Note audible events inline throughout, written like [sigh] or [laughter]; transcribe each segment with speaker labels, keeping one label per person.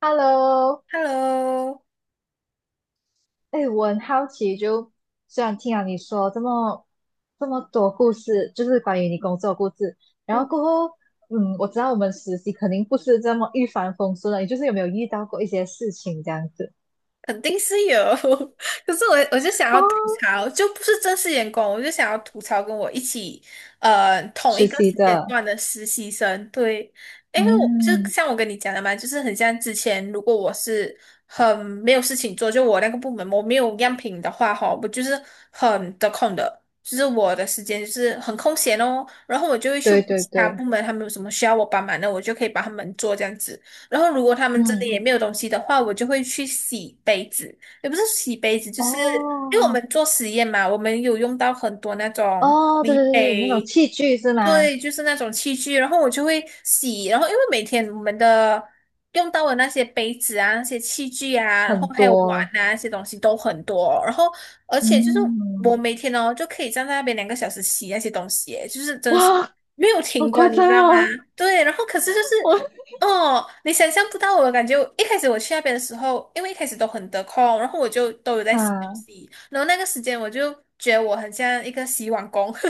Speaker 1: Hello，
Speaker 2: Hello。
Speaker 1: 哎，我很好奇就，虽然听了你说这么多故事，就是关于你工作的故事，然后
Speaker 2: 嗯，
Speaker 1: 过后，嗯，我知道我们实习肯定不是这么一帆风顺的，你就是有没有遇到过一些事情这样子？
Speaker 2: 肯定是有，[laughs] 可是我就想
Speaker 1: 哦，
Speaker 2: 要吐槽，就不是正式员工，我就想要吐槽跟我一起，同
Speaker 1: 实
Speaker 2: 一个
Speaker 1: 习
Speaker 2: 时间
Speaker 1: 的，
Speaker 2: 段的实习生，对，因为我就
Speaker 1: 嗯，
Speaker 2: 像我跟你讲的嘛，就是很像之前，如果我是很没有事情做，就我那个部门我没有样品的话，哈，我就是很得空的，就是我的时间就是很空闲哦。然后我就会去
Speaker 1: 对
Speaker 2: 问
Speaker 1: 对
Speaker 2: 其他部
Speaker 1: 对，
Speaker 2: 门他们有什么需要我帮忙的，我就可以帮他们做这样子。然后如果他们真的也
Speaker 1: 嗯，
Speaker 2: 没有东西的话，我就会去洗杯子，也不是洗杯子，就是因为我
Speaker 1: 哦
Speaker 2: 们做实验嘛，我们有用到很多那种玻
Speaker 1: 哦，对
Speaker 2: 璃
Speaker 1: 对对，对那种
Speaker 2: 杯，
Speaker 1: 器具是吗？
Speaker 2: 对，就是那种器具，然后我就会洗。然后因为每天我们的用到的那些杯子啊、那些器具啊，然
Speaker 1: 很
Speaker 2: 后还有碗
Speaker 1: 多，
Speaker 2: 啊那些东西都很多，然后而且就是
Speaker 1: 嗯，
Speaker 2: 我每天哦就可以站在那边2个小时洗那些东西耶，就是真的是
Speaker 1: 哇，
Speaker 2: 没有
Speaker 1: 好
Speaker 2: 停的，
Speaker 1: 夸
Speaker 2: 你
Speaker 1: 张
Speaker 2: 知道吗？
Speaker 1: 哦，
Speaker 2: 对，然后可是就
Speaker 1: [laughs] 我
Speaker 2: 是哦，你想象不到我的感觉。一开始我去那边的时候，因为一开始都很得空，然后我就都有在休
Speaker 1: 啊。
Speaker 2: 息，然后那个时间我就觉得我很像一个洗碗工。[laughs]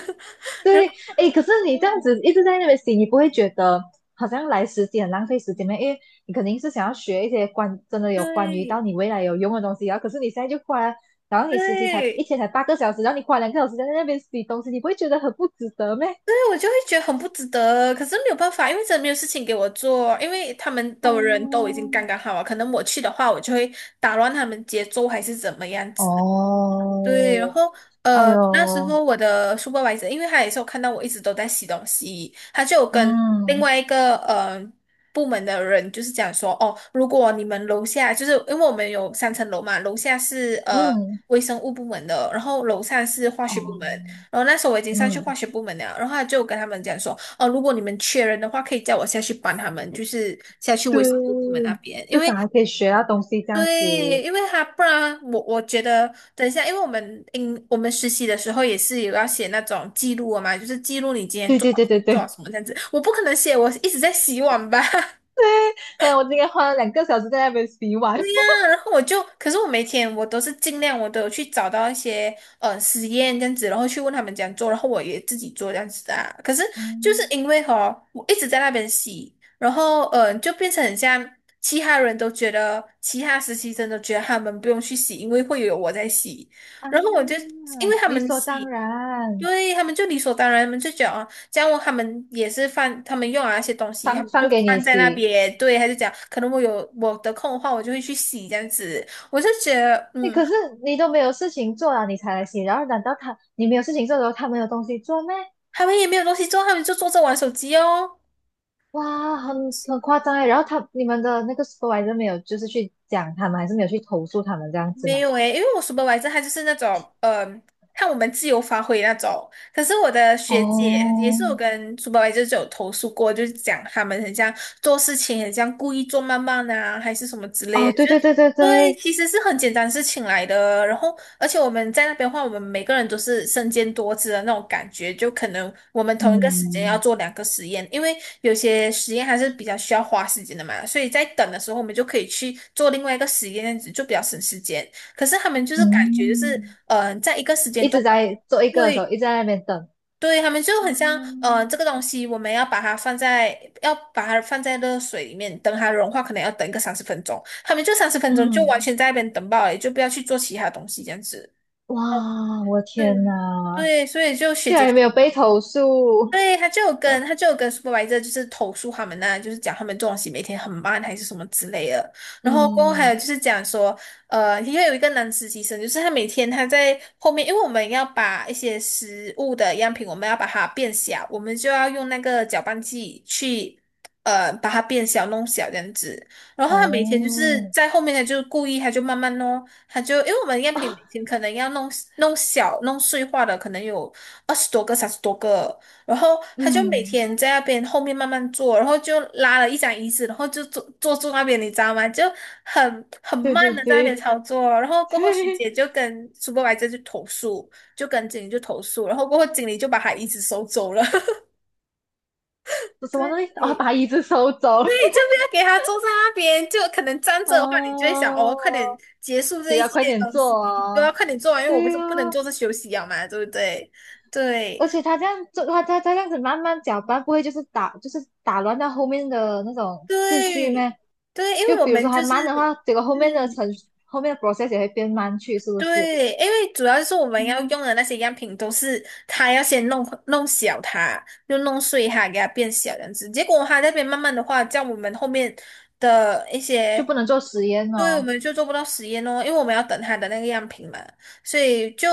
Speaker 1: 对，哎，可是你这样
Speaker 2: 嗯，
Speaker 1: 子一直在那边洗，你不会觉得好像来实习很浪费时间吗？因为你肯定是想要学一些真的有关于
Speaker 2: 对
Speaker 1: 到你未来有用的东西，然后可是你现在就花，然后你实习才一
Speaker 2: 对
Speaker 1: 天才8个小时，然后你花两个小时在那边洗东西，你不会觉得很不值得吗？
Speaker 2: 对，我就会觉得很不值得，可是没有办法，因为真的没有事情给我做，因为他们的人都已经
Speaker 1: 哦，
Speaker 2: 刚刚好了，可能我去的话，我就会打乱他们节奏还是怎么样子。对，然
Speaker 1: 哦，
Speaker 2: 后
Speaker 1: 哎
Speaker 2: 那时
Speaker 1: 呦，
Speaker 2: 候我的 supervisor,因为他也是有看到我一直都在洗东西，他就有跟另
Speaker 1: 嗯
Speaker 2: 外一个部门的人就是讲说，哦，如果你们楼下，就是因为我们有3层楼嘛，楼下是
Speaker 1: 嗯
Speaker 2: 微生物部门的，然后楼上是化学部门，
Speaker 1: 哦，
Speaker 2: 然后那时候我已经上去化
Speaker 1: 嗯，
Speaker 2: 学部门了，然后他就跟他们讲说，哦，如果你们缺人的话，可以叫我下去帮他们，就是下去微生物部门
Speaker 1: 对，
Speaker 2: 那边，
Speaker 1: 至
Speaker 2: 因
Speaker 1: 少
Speaker 2: 为
Speaker 1: 还可以学到东西这样
Speaker 2: 对，
Speaker 1: 子。
Speaker 2: 因为他不然我觉得等一下，因为我们应我们实习的时候也是有要写那种记录的嘛，就是记录你今天
Speaker 1: 对
Speaker 2: 做
Speaker 1: 对
Speaker 2: 了
Speaker 1: 对对
Speaker 2: 做了
Speaker 1: 对。
Speaker 2: 什么这样子。我不可能写我一直在洗碗吧，[laughs]
Speaker 1: [laughs] 对，但我今天花了两个小时在那边洗碗。
Speaker 2: 然后我就，可是我每天我都是尽量我都有去找到一些实验这样子，然后去问他们怎样做，然后我也自己做这样子的啊。可是就是
Speaker 1: 嗯
Speaker 2: 因为哈，我一直在那边洗，然后就变成很像。其他人都觉得，其他实习生都觉得他们不用去洗，因为会有我在洗。
Speaker 1: 啊，
Speaker 2: 然后我就因为他
Speaker 1: 理
Speaker 2: 们
Speaker 1: 所当
Speaker 2: 洗，因
Speaker 1: 然，
Speaker 2: 为他们就理所当然，他们就讲啊，这样我他们也是放他们用啊那些东西，他
Speaker 1: 放
Speaker 2: 们就
Speaker 1: 放给你
Speaker 2: 放在那
Speaker 1: 洗。
Speaker 2: 边。对，他就讲，可能我有我的空的话，我就会去洗这样子。我就觉得，
Speaker 1: 哎，
Speaker 2: 嗯，
Speaker 1: 可是你都没有事情做了，你才来洗。然后难道你没有事情做的时候，他没有东西做咩？
Speaker 2: 他们也没有东西做，他们就坐着玩手机哦。
Speaker 1: 哇，
Speaker 2: 嗯。
Speaker 1: 很夸张哎。然后你们的那个 supervis 没有就是去讲他们，还是没有去投诉他们这样子
Speaker 2: 没
Speaker 1: 吗？
Speaker 2: 有诶，因为我 supervisor 他就是那种，嗯、看我们自由发挥那种。可是我的学姐也
Speaker 1: 哦
Speaker 2: 是我跟 s u p e r v i s o 就有投诉过，就是讲他们很像做事情很像故意做慢慢啊，还是什么之类
Speaker 1: 哦，
Speaker 2: 的。就
Speaker 1: 对对对对
Speaker 2: 对，
Speaker 1: 对，
Speaker 2: 其实是很简单事情来的。然后而且我们在那边的话，我们每个人都是身兼多职的那种感觉，就可能我们同一个时间要
Speaker 1: 嗯
Speaker 2: 做2个实验，因为有些实验还是比较需要花时间的嘛，所以在等的时候，我们就可以去做另外一个实验，这样子就比较省时间。可是他们就是感觉就是，
Speaker 1: 嗯，
Speaker 2: 嗯，在一个时
Speaker 1: 一
Speaker 2: 间段，
Speaker 1: 直在做一个的时候，一
Speaker 2: 对
Speaker 1: 直在那边等。
Speaker 2: 对，他们就很像，嗯，这
Speaker 1: 嗯
Speaker 2: 个东西我们要把它放在，要把它放在热水里面，等它融化，可能要等一个三十分钟。他们就三十分钟就完
Speaker 1: 嗯。
Speaker 2: 全在那边等爆了，也就不要去做其他东西这样子。
Speaker 1: 哇，我
Speaker 2: 对
Speaker 1: 天哪，
Speaker 2: 对，所以就学
Speaker 1: 竟
Speaker 2: 姐
Speaker 1: 然也没
Speaker 2: 姐
Speaker 1: 有被投诉。
Speaker 2: 对，他就有跟 supervisor 就是投诉他们呐、就是讲他们作息每天很慢还是什么之类的。然后过后还有
Speaker 1: 嗯，
Speaker 2: 就是讲说，呃，因为有一个男实习生，就是他每天他在后面，因为我们要把一些食物的样品，我们要把它变小，我们就要用那个搅拌器去。呃，把它变小、弄小这样子，然后他每天就是
Speaker 1: 哦，
Speaker 2: 在后面，他就故意，他就慢慢弄，他就因为我们样
Speaker 1: [laughs]
Speaker 2: 品
Speaker 1: 啊，
Speaker 2: 每天可能要弄弄小、弄碎化的，可能有20多个、30多个，然后他就每
Speaker 1: 嗯，
Speaker 2: 天在那边后面慢慢坐，然后就拉了一张椅子，然后就坐坐住那边，你知道吗？就很
Speaker 1: 对对
Speaker 2: 慢的在那边
Speaker 1: 对
Speaker 2: 操作哦。然后
Speaker 1: [laughs]
Speaker 2: 过后，徐
Speaker 1: 对，
Speaker 2: 姐就跟苏 u p e 去投诉，就跟经理就投诉，然后过后经理就把他椅子收走了。[laughs]
Speaker 1: 什么东
Speaker 2: 对
Speaker 1: 西？哦，把椅子收走。
Speaker 2: 对，就不要给他坐在那边，就可能站
Speaker 1: [laughs]
Speaker 2: 着的话，你就会想，哦，快点
Speaker 1: 哦，
Speaker 2: 结束
Speaker 1: 比
Speaker 2: 这一
Speaker 1: 较
Speaker 2: 切
Speaker 1: 快点
Speaker 2: 东
Speaker 1: 做
Speaker 2: 西，都要
Speaker 1: 哦。
Speaker 2: 快点做完，因为我们
Speaker 1: 对
Speaker 2: 是不能
Speaker 1: 啊，
Speaker 2: 坐着休息啊嘛，对不对？对。
Speaker 1: 而且他这样做，他这样子慢慢搅拌，不会就是打乱到后面的那种次序
Speaker 2: 对
Speaker 1: 咩？
Speaker 2: 对，因
Speaker 1: 就
Speaker 2: 为我
Speaker 1: 比如
Speaker 2: 们
Speaker 1: 说还
Speaker 2: 就是，
Speaker 1: 慢的话，结果后面的
Speaker 2: 嗯，
Speaker 1: 程序后面的 process 也会变慢去，是不是？
Speaker 2: 对，因为主要是我们要用
Speaker 1: 嗯。
Speaker 2: 的那些样品都是他要先弄弄小它，就弄碎它，给它变小这样子。结果他那边慢慢的话，叫我们后面的一
Speaker 1: 就
Speaker 2: 些，
Speaker 1: 不能做实验
Speaker 2: 对，我
Speaker 1: 哦。
Speaker 2: 们就做不到实验哦，因为我们要等他的那个样品嘛，所以就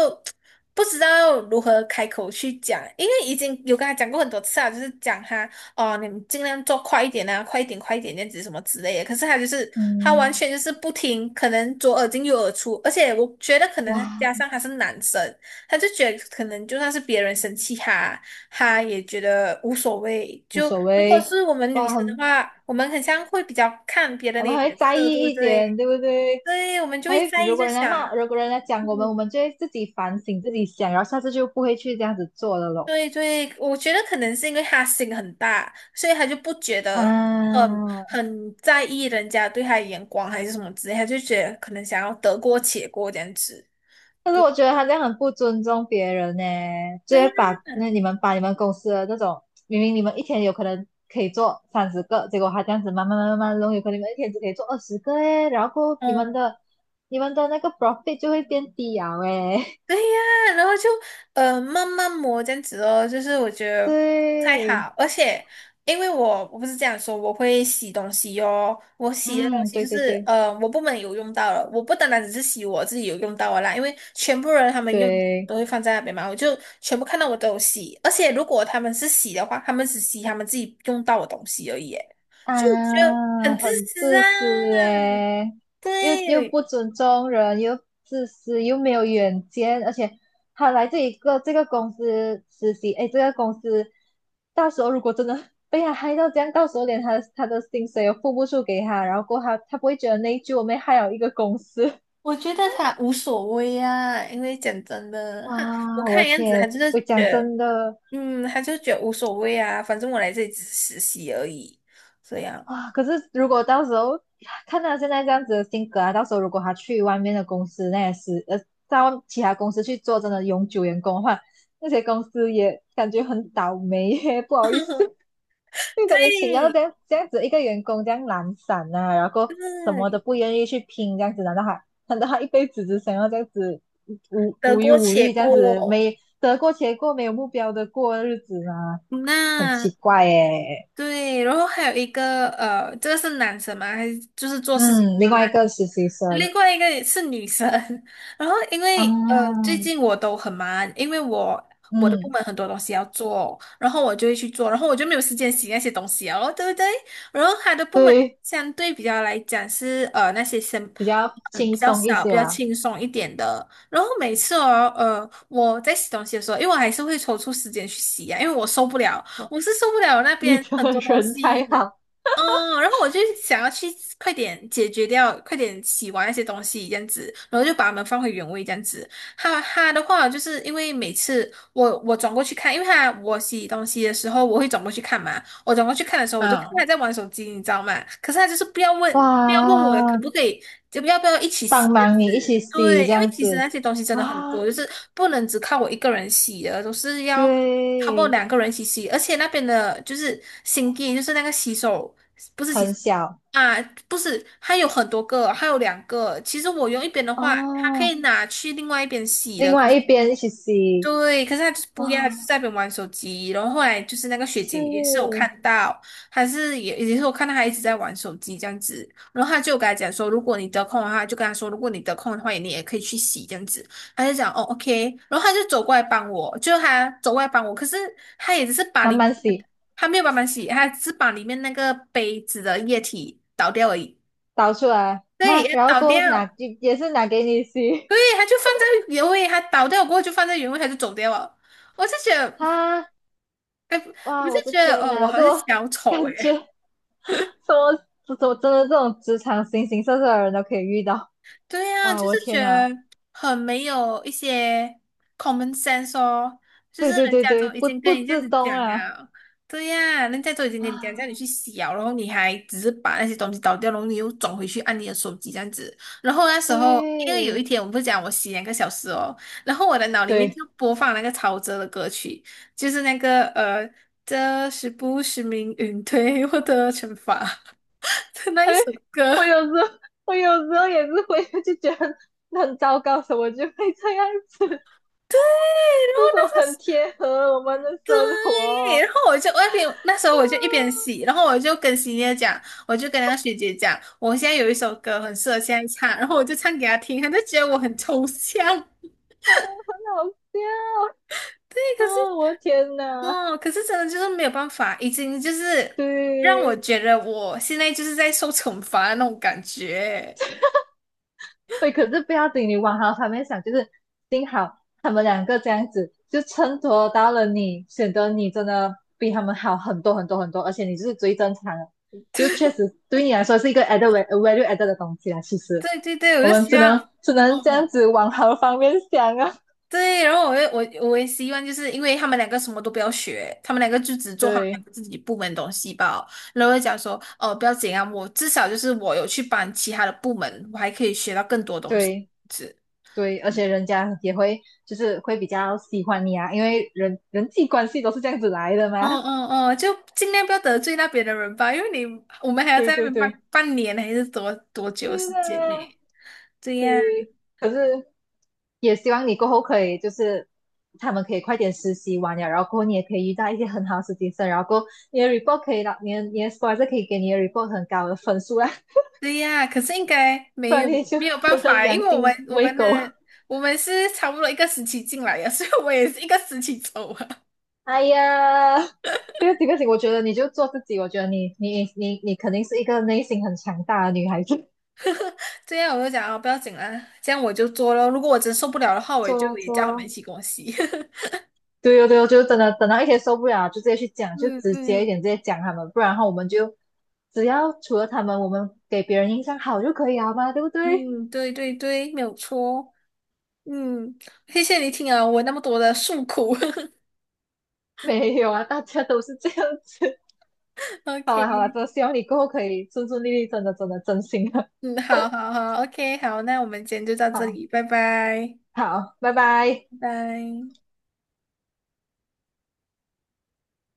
Speaker 2: 不知道如何开口去讲，因为已经有跟他讲过很多次啊，就是讲他哦，你们尽量做快一点啊，快一点，快一点，那样子什么之类的。可是他就是他完
Speaker 1: 嗯，
Speaker 2: 全就是不听，可能左耳进右耳出，而且我觉得可能他
Speaker 1: 哇，
Speaker 2: 加上他是男生，他就觉得可能就算是别人生气他，他也觉得无所谓。
Speaker 1: 无
Speaker 2: 就
Speaker 1: 所
Speaker 2: 如果
Speaker 1: 谓，
Speaker 2: 是我们女
Speaker 1: 哇，
Speaker 2: 生的话，我们很像会比较看别人
Speaker 1: 我
Speaker 2: 的
Speaker 1: 们还会
Speaker 2: 脸
Speaker 1: 在
Speaker 2: 色，对
Speaker 1: 意
Speaker 2: 不
Speaker 1: 一
Speaker 2: 对？
Speaker 1: 点，对不对？
Speaker 2: 对，我们就
Speaker 1: 还
Speaker 2: 会
Speaker 1: 会
Speaker 2: 在意，就想，
Speaker 1: 如果人家讲我
Speaker 2: 嗯。
Speaker 1: 们，我们就会自己反省自己想，然后下次就不会去这样子做了咯。
Speaker 2: 对对，我觉得可能是因为他心很大，所以他就不觉得很
Speaker 1: 啊。
Speaker 2: 很在意人家对他的眼光还是什么之类，他就觉得可能想要得过且过这样子。
Speaker 1: 但是我觉得他这样很不尊重别人呢，就
Speaker 2: 对
Speaker 1: 会
Speaker 2: 呀，
Speaker 1: 把你们公司的那种，明明你们一天有可能可以做30个，结果他这样子慢慢慢慢慢弄，有可能你们一天只可以做20个诶，然后你们
Speaker 2: 嗯。
Speaker 1: 的你们的那个 profit 就会变低啊诶，
Speaker 2: 对呀，然后就慢慢磨这样子哦，就是我觉
Speaker 1: [laughs]
Speaker 2: 得太
Speaker 1: 对，
Speaker 2: 好。而且因为我不是这样说，我会洗东西哦，我洗的东
Speaker 1: 嗯，
Speaker 2: 西
Speaker 1: 对
Speaker 2: 就
Speaker 1: 对
Speaker 2: 是
Speaker 1: 对
Speaker 2: 我部门有用到了，我不单单只是洗我自己有用到的啦，因为全部人他们用
Speaker 1: 对。
Speaker 2: 都会放在那边嘛，我就全部看到我都有洗，而且如果他们是洗的话，他们只洗他们自己用到的东西而已耶，就我觉得
Speaker 1: 啊，
Speaker 2: 很自
Speaker 1: 很
Speaker 2: 私啊，
Speaker 1: 自私诶，又
Speaker 2: 对。
Speaker 1: 不尊重人，又自私，又没有远见，而且他来这个公司实习，诶，这个公司到时候如果真的 [laughs] 被他害到这样，到时候连他的薪水也付不出给他，然后过后他不会觉得内疚，我们害了一个公司，
Speaker 2: 我觉得他无所谓啊，因为讲真的，
Speaker 1: [laughs]
Speaker 2: 他我
Speaker 1: 哇，我
Speaker 2: 看样子他
Speaker 1: 天，
Speaker 2: 就是
Speaker 1: 我
Speaker 2: 觉
Speaker 1: 讲
Speaker 2: 得，
Speaker 1: 真的。
Speaker 2: 嗯，他就觉得无所谓啊，反正我来这里只是实习而已，这样。
Speaker 1: 啊！可是如果到时候看他现在这样子的性格啊，到时候如果他去外面的公司，那也是到其他公司去做真的永久员工的话，那些公司也感觉很倒霉耶，不好意思，[laughs] 就感觉请到这
Speaker 2: 对，
Speaker 1: 样这样子一个员工这样懒散啊，然后什么都
Speaker 2: 对，
Speaker 1: 不愿意去拼，这样子，难道他一辈子只想要这样子
Speaker 2: 得
Speaker 1: 无忧
Speaker 2: 过
Speaker 1: 无
Speaker 2: 且
Speaker 1: 虑这样子，
Speaker 2: 过。
Speaker 1: 没得过且过，没有目标的过日子吗？很奇
Speaker 2: 那
Speaker 1: 怪耶。
Speaker 2: 对，然后还有一个呃，这个是男生吗？还是就是做事情？
Speaker 1: 嗯，另外一个实习生。
Speaker 2: 另外一个是女生，[laughs] 然后因
Speaker 1: 啊，
Speaker 2: 为最近我都很忙，因为我的部
Speaker 1: 嗯，
Speaker 2: 门很多东西要做，然后我就会去做，然后我就没有时间洗那些东西哦，对不对？然后他的部门
Speaker 1: 对，
Speaker 2: 相对比较来讲是那些生
Speaker 1: 比较
Speaker 2: 嗯
Speaker 1: 轻
Speaker 2: 比较
Speaker 1: 松一
Speaker 2: 少、
Speaker 1: 些
Speaker 2: 比较
Speaker 1: 啊。
Speaker 2: 轻松一点的，然后每次哦我在洗东西的时候，因为我还是会抽出时间去洗呀、因为我受不了，我是受不了那
Speaker 1: 你
Speaker 2: 边
Speaker 1: 的
Speaker 2: 很多东
Speaker 1: 人太
Speaker 2: 西。
Speaker 1: 好，
Speaker 2: 嗯，然后我就想要去快点解决掉，快点洗完那些东西这样子，然后就把它们放回原位这样子。哈哈的话，就是因为每次我转过去看，因为他我洗东西的时候，我会转过去看嘛。我转过去看的时候，我就看
Speaker 1: 嗯，
Speaker 2: 他在玩手机，你知道吗？可是他就是不要问，不要问我可
Speaker 1: 哇，
Speaker 2: 不可以，就不要一起洗
Speaker 1: 帮
Speaker 2: 这样
Speaker 1: 忙
Speaker 2: 子。
Speaker 1: 你一起洗
Speaker 2: 对，
Speaker 1: 这
Speaker 2: 因为
Speaker 1: 样
Speaker 2: 其实
Speaker 1: 子，
Speaker 2: 那些东西真的很多，
Speaker 1: 哇，
Speaker 2: 就是不能只靠我一个人洗的，都是要。差不多
Speaker 1: 对，
Speaker 2: 两个人一起洗，而且那边的就是新地，就是那个洗手。不是其
Speaker 1: 很
Speaker 2: 实
Speaker 1: 小
Speaker 2: 啊，不是，还有很多个，还有两个。其实我用一边的话，它可
Speaker 1: 哦。
Speaker 2: 以拿去另外一边洗的，
Speaker 1: 另
Speaker 2: 可
Speaker 1: 外
Speaker 2: 是
Speaker 1: 一边一起洗，
Speaker 2: 对，可是他就是
Speaker 1: 哇，
Speaker 2: 不要，就是在那边玩手机。然后后来就是那个学姐也是有
Speaker 1: 是
Speaker 2: 看到，还是也是我看到他一直在玩手机这样子。然后她就跟他讲说，如果你得空的话，就跟他说，如果你得空的话，你也可以去洗这样子。他就讲哦，OK。然后他就走过来帮我，就他走过来帮我，可是他也只是把
Speaker 1: 慢
Speaker 2: 里，
Speaker 1: 慢洗，
Speaker 2: 他没有帮忙洗，他只是把里面那个杯子的液体倒掉而已。
Speaker 1: 倒出来
Speaker 2: 对，
Speaker 1: 啊，
Speaker 2: 也
Speaker 1: 然后
Speaker 2: 倒
Speaker 1: 过后拿
Speaker 2: 掉。
Speaker 1: 也是拿给你洗
Speaker 2: 对，他就放在原位，他倒掉过后就放在原位，他就走掉了。我就觉得。
Speaker 1: 啊，
Speaker 2: 哎，
Speaker 1: 哇，
Speaker 2: 我就
Speaker 1: 我的
Speaker 2: 觉得，
Speaker 1: 天
Speaker 2: 我
Speaker 1: 哪，
Speaker 2: 好
Speaker 1: 这
Speaker 2: 像
Speaker 1: 我
Speaker 2: 小
Speaker 1: [laughs]
Speaker 2: 丑
Speaker 1: 感觉。
Speaker 2: 哎、
Speaker 1: 什么这种真的这种职场形形色色的人都可以遇到，
Speaker 2: 对呀、就
Speaker 1: 哇，我
Speaker 2: 是觉
Speaker 1: 天呐，
Speaker 2: 得很没有一些 common sense 哦，就是
Speaker 1: 对对
Speaker 2: 人
Speaker 1: 对
Speaker 2: 家
Speaker 1: 对，
Speaker 2: 都已
Speaker 1: 不
Speaker 2: 经
Speaker 1: 不
Speaker 2: 跟你这样
Speaker 1: 自
Speaker 2: 子
Speaker 1: 懂
Speaker 2: 讲
Speaker 1: 啊
Speaker 2: 了，对呀、人家都已经跟你讲叫你
Speaker 1: 啊，
Speaker 2: 去洗了，然后你还只是把那些东西倒掉，然后你又转回去按你的手机这样子。然后那时候，因为有一
Speaker 1: 对
Speaker 2: 天我们不是讲我洗2个小时哦，然后我的脑里面
Speaker 1: 对，
Speaker 2: 就播放那个陶喆的歌曲，就是那个，这是不是命运对我的惩罚？的那一
Speaker 1: 哎，
Speaker 2: 首歌，
Speaker 1: 我有时候我有时候也是会就觉得很糟糕，怎么就会这样子？
Speaker 2: 对，然后
Speaker 1: 这
Speaker 2: 那
Speaker 1: 种
Speaker 2: 时
Speaker 1: 很
Speaker 2: 是
Speaker 1: 贴合我们的生
Speaker 2: 对，
Speaker 1: 活，
Speaker 2: 然后我就外边那时候我就一边
Speaker 1: 啊，
Speaker 2: 洗，然后我就跟洗姐讲，我就跟那个学姐讲，我现在有一首歌很适合现在唱，然后我就唱给她听，她就觉得我很抽象，
Speaker 1: 很好笑
Speaker 2: 对，可是
Speaker 1: 啊，我的天呐，
Speaker 2: 哦，可是真的就是没有办法，已经就是让我
Speaker 1: 对。
Speaker 2: 觉得我现在就是在受惩罚的那种感觉，
Speaker 1: 对，可是不要紧，你往好方面想，就是幸好他们两个这样子，就衬托到了你，显得你真的比他们好很多很多很多，而且你就是最正常的，就确实对你来说是一个 added lue added 的东西啦。其实
Speaker 2: 对对对，我
Speaker 1: 我
Speaker 2: 就
Speaker 1: 们
Speaker 2: 希
Speaker 1: 只能
Speaker 2: 望，
Speaker 1: 只能这样
Speaker 2: 哦。
Speaker 1: 子往好方面想啊，
Speaker 2: 对，然后我也我也希望，就是因为他们两个什么都不要学，他们两个就只做他们两
Speaker 1: 对
Speaker 2: 个自己部门的东西吧。然后我就讲说，哦，不要紧啊，我至少就是我有去帮其他的部门，我还可以学到更多东西。
Speaker 1: 对
Speaker 2: 是，
Speaker 1: 对，而且人家也会就是会比较喜欢你啊，因为人际关系都是这样子来的嘛。
Speaker 2: 嗯嗯
Speaker 1: [laughs]
Speaker 2: 嗯，就尽量不要得罪那边的人吧，因为你我们还要
Speaker 1: 对
Speaker 2: 在那
Speaker 1: 对
Speaker 2: 边
Speaker 1: 对，
Speaker 2: 半年还是多久的
Speaker 1: 是
Speaker 2: 时
Speaker 1: 的
Speaker 2: 间
Speaker 1: 啊，
Speaker 2: 呢？对
Speaker 1: 对。
Speaker 2: 呀，
Speaker 1: 可是也希望你过后可以就是他们可以快点实习完了，然后过后你也可以遇到一些很好的实习生，然后过后你的 report 可以拿你的 sporsor 可以给你的 report 很高的分数啦，
Speaker 2: 对呀，可是应该
Speaker 1: 不
Speaker 2: 没
Speaker 1: 然
Speaker 2: 有
Speaker 1: 你就
Speaker 2: 没有办
Speaker 1: 真的
Speaker 2: 法，因
Speaker 1: 良
Speaker 2: 为我们
Speaker 1: 心
Speaker 2: 我
Speaker 1: 喂
Speaker 2: 们
Speaker 1: 狗。[laughs]
Speaker 2: 的我们是差不多一个时期进来的，所以我也是一个时期走啊。
Speaker 1: 哎呀，这个事情，我觉得你就做自己，我觉得你肯定是一个内心很强大的女孩子，
Speaker 2: 这样我就讲啊，不要紧啦，这样我就做咯。如果我真受不了的话，我就
Speaker 1: 做
Speaker 2: 也叫他们
Speaker 1: 做
Speaker 2: 一起跟我洗。[laughs]
Speaker 1: 对哦，对哦，就是真的等到一天受不了，就直接去讲，就
Speaker 2: 嗯
Speaker 1: 直接一
Speaker 2: 嗯
Speaker 1: 点，直接讲他们，不然的话我们就只要除了他们，我们给别人印象好就可以了嘛，对不对？
Speaker 2: 嗯，对对对，没有错。嗯，谢谢你听啊，我那么多的诉苦。[laughs]
Speaker 1: 没有啊，大家都是这样子。[laughs] 好
Speaker 2: OK，
Speaker 1: 了好了，真的希望你过后可以顺顺利利，真的真的真心的。
Speaker 2: 嗯，好好好，OK，好，那我们今天就到这
Speaker 1: 好
Speaker 2: 里，拜拜，
Speaker 1: 好，拜拜。
Speaker 2: 拜拜。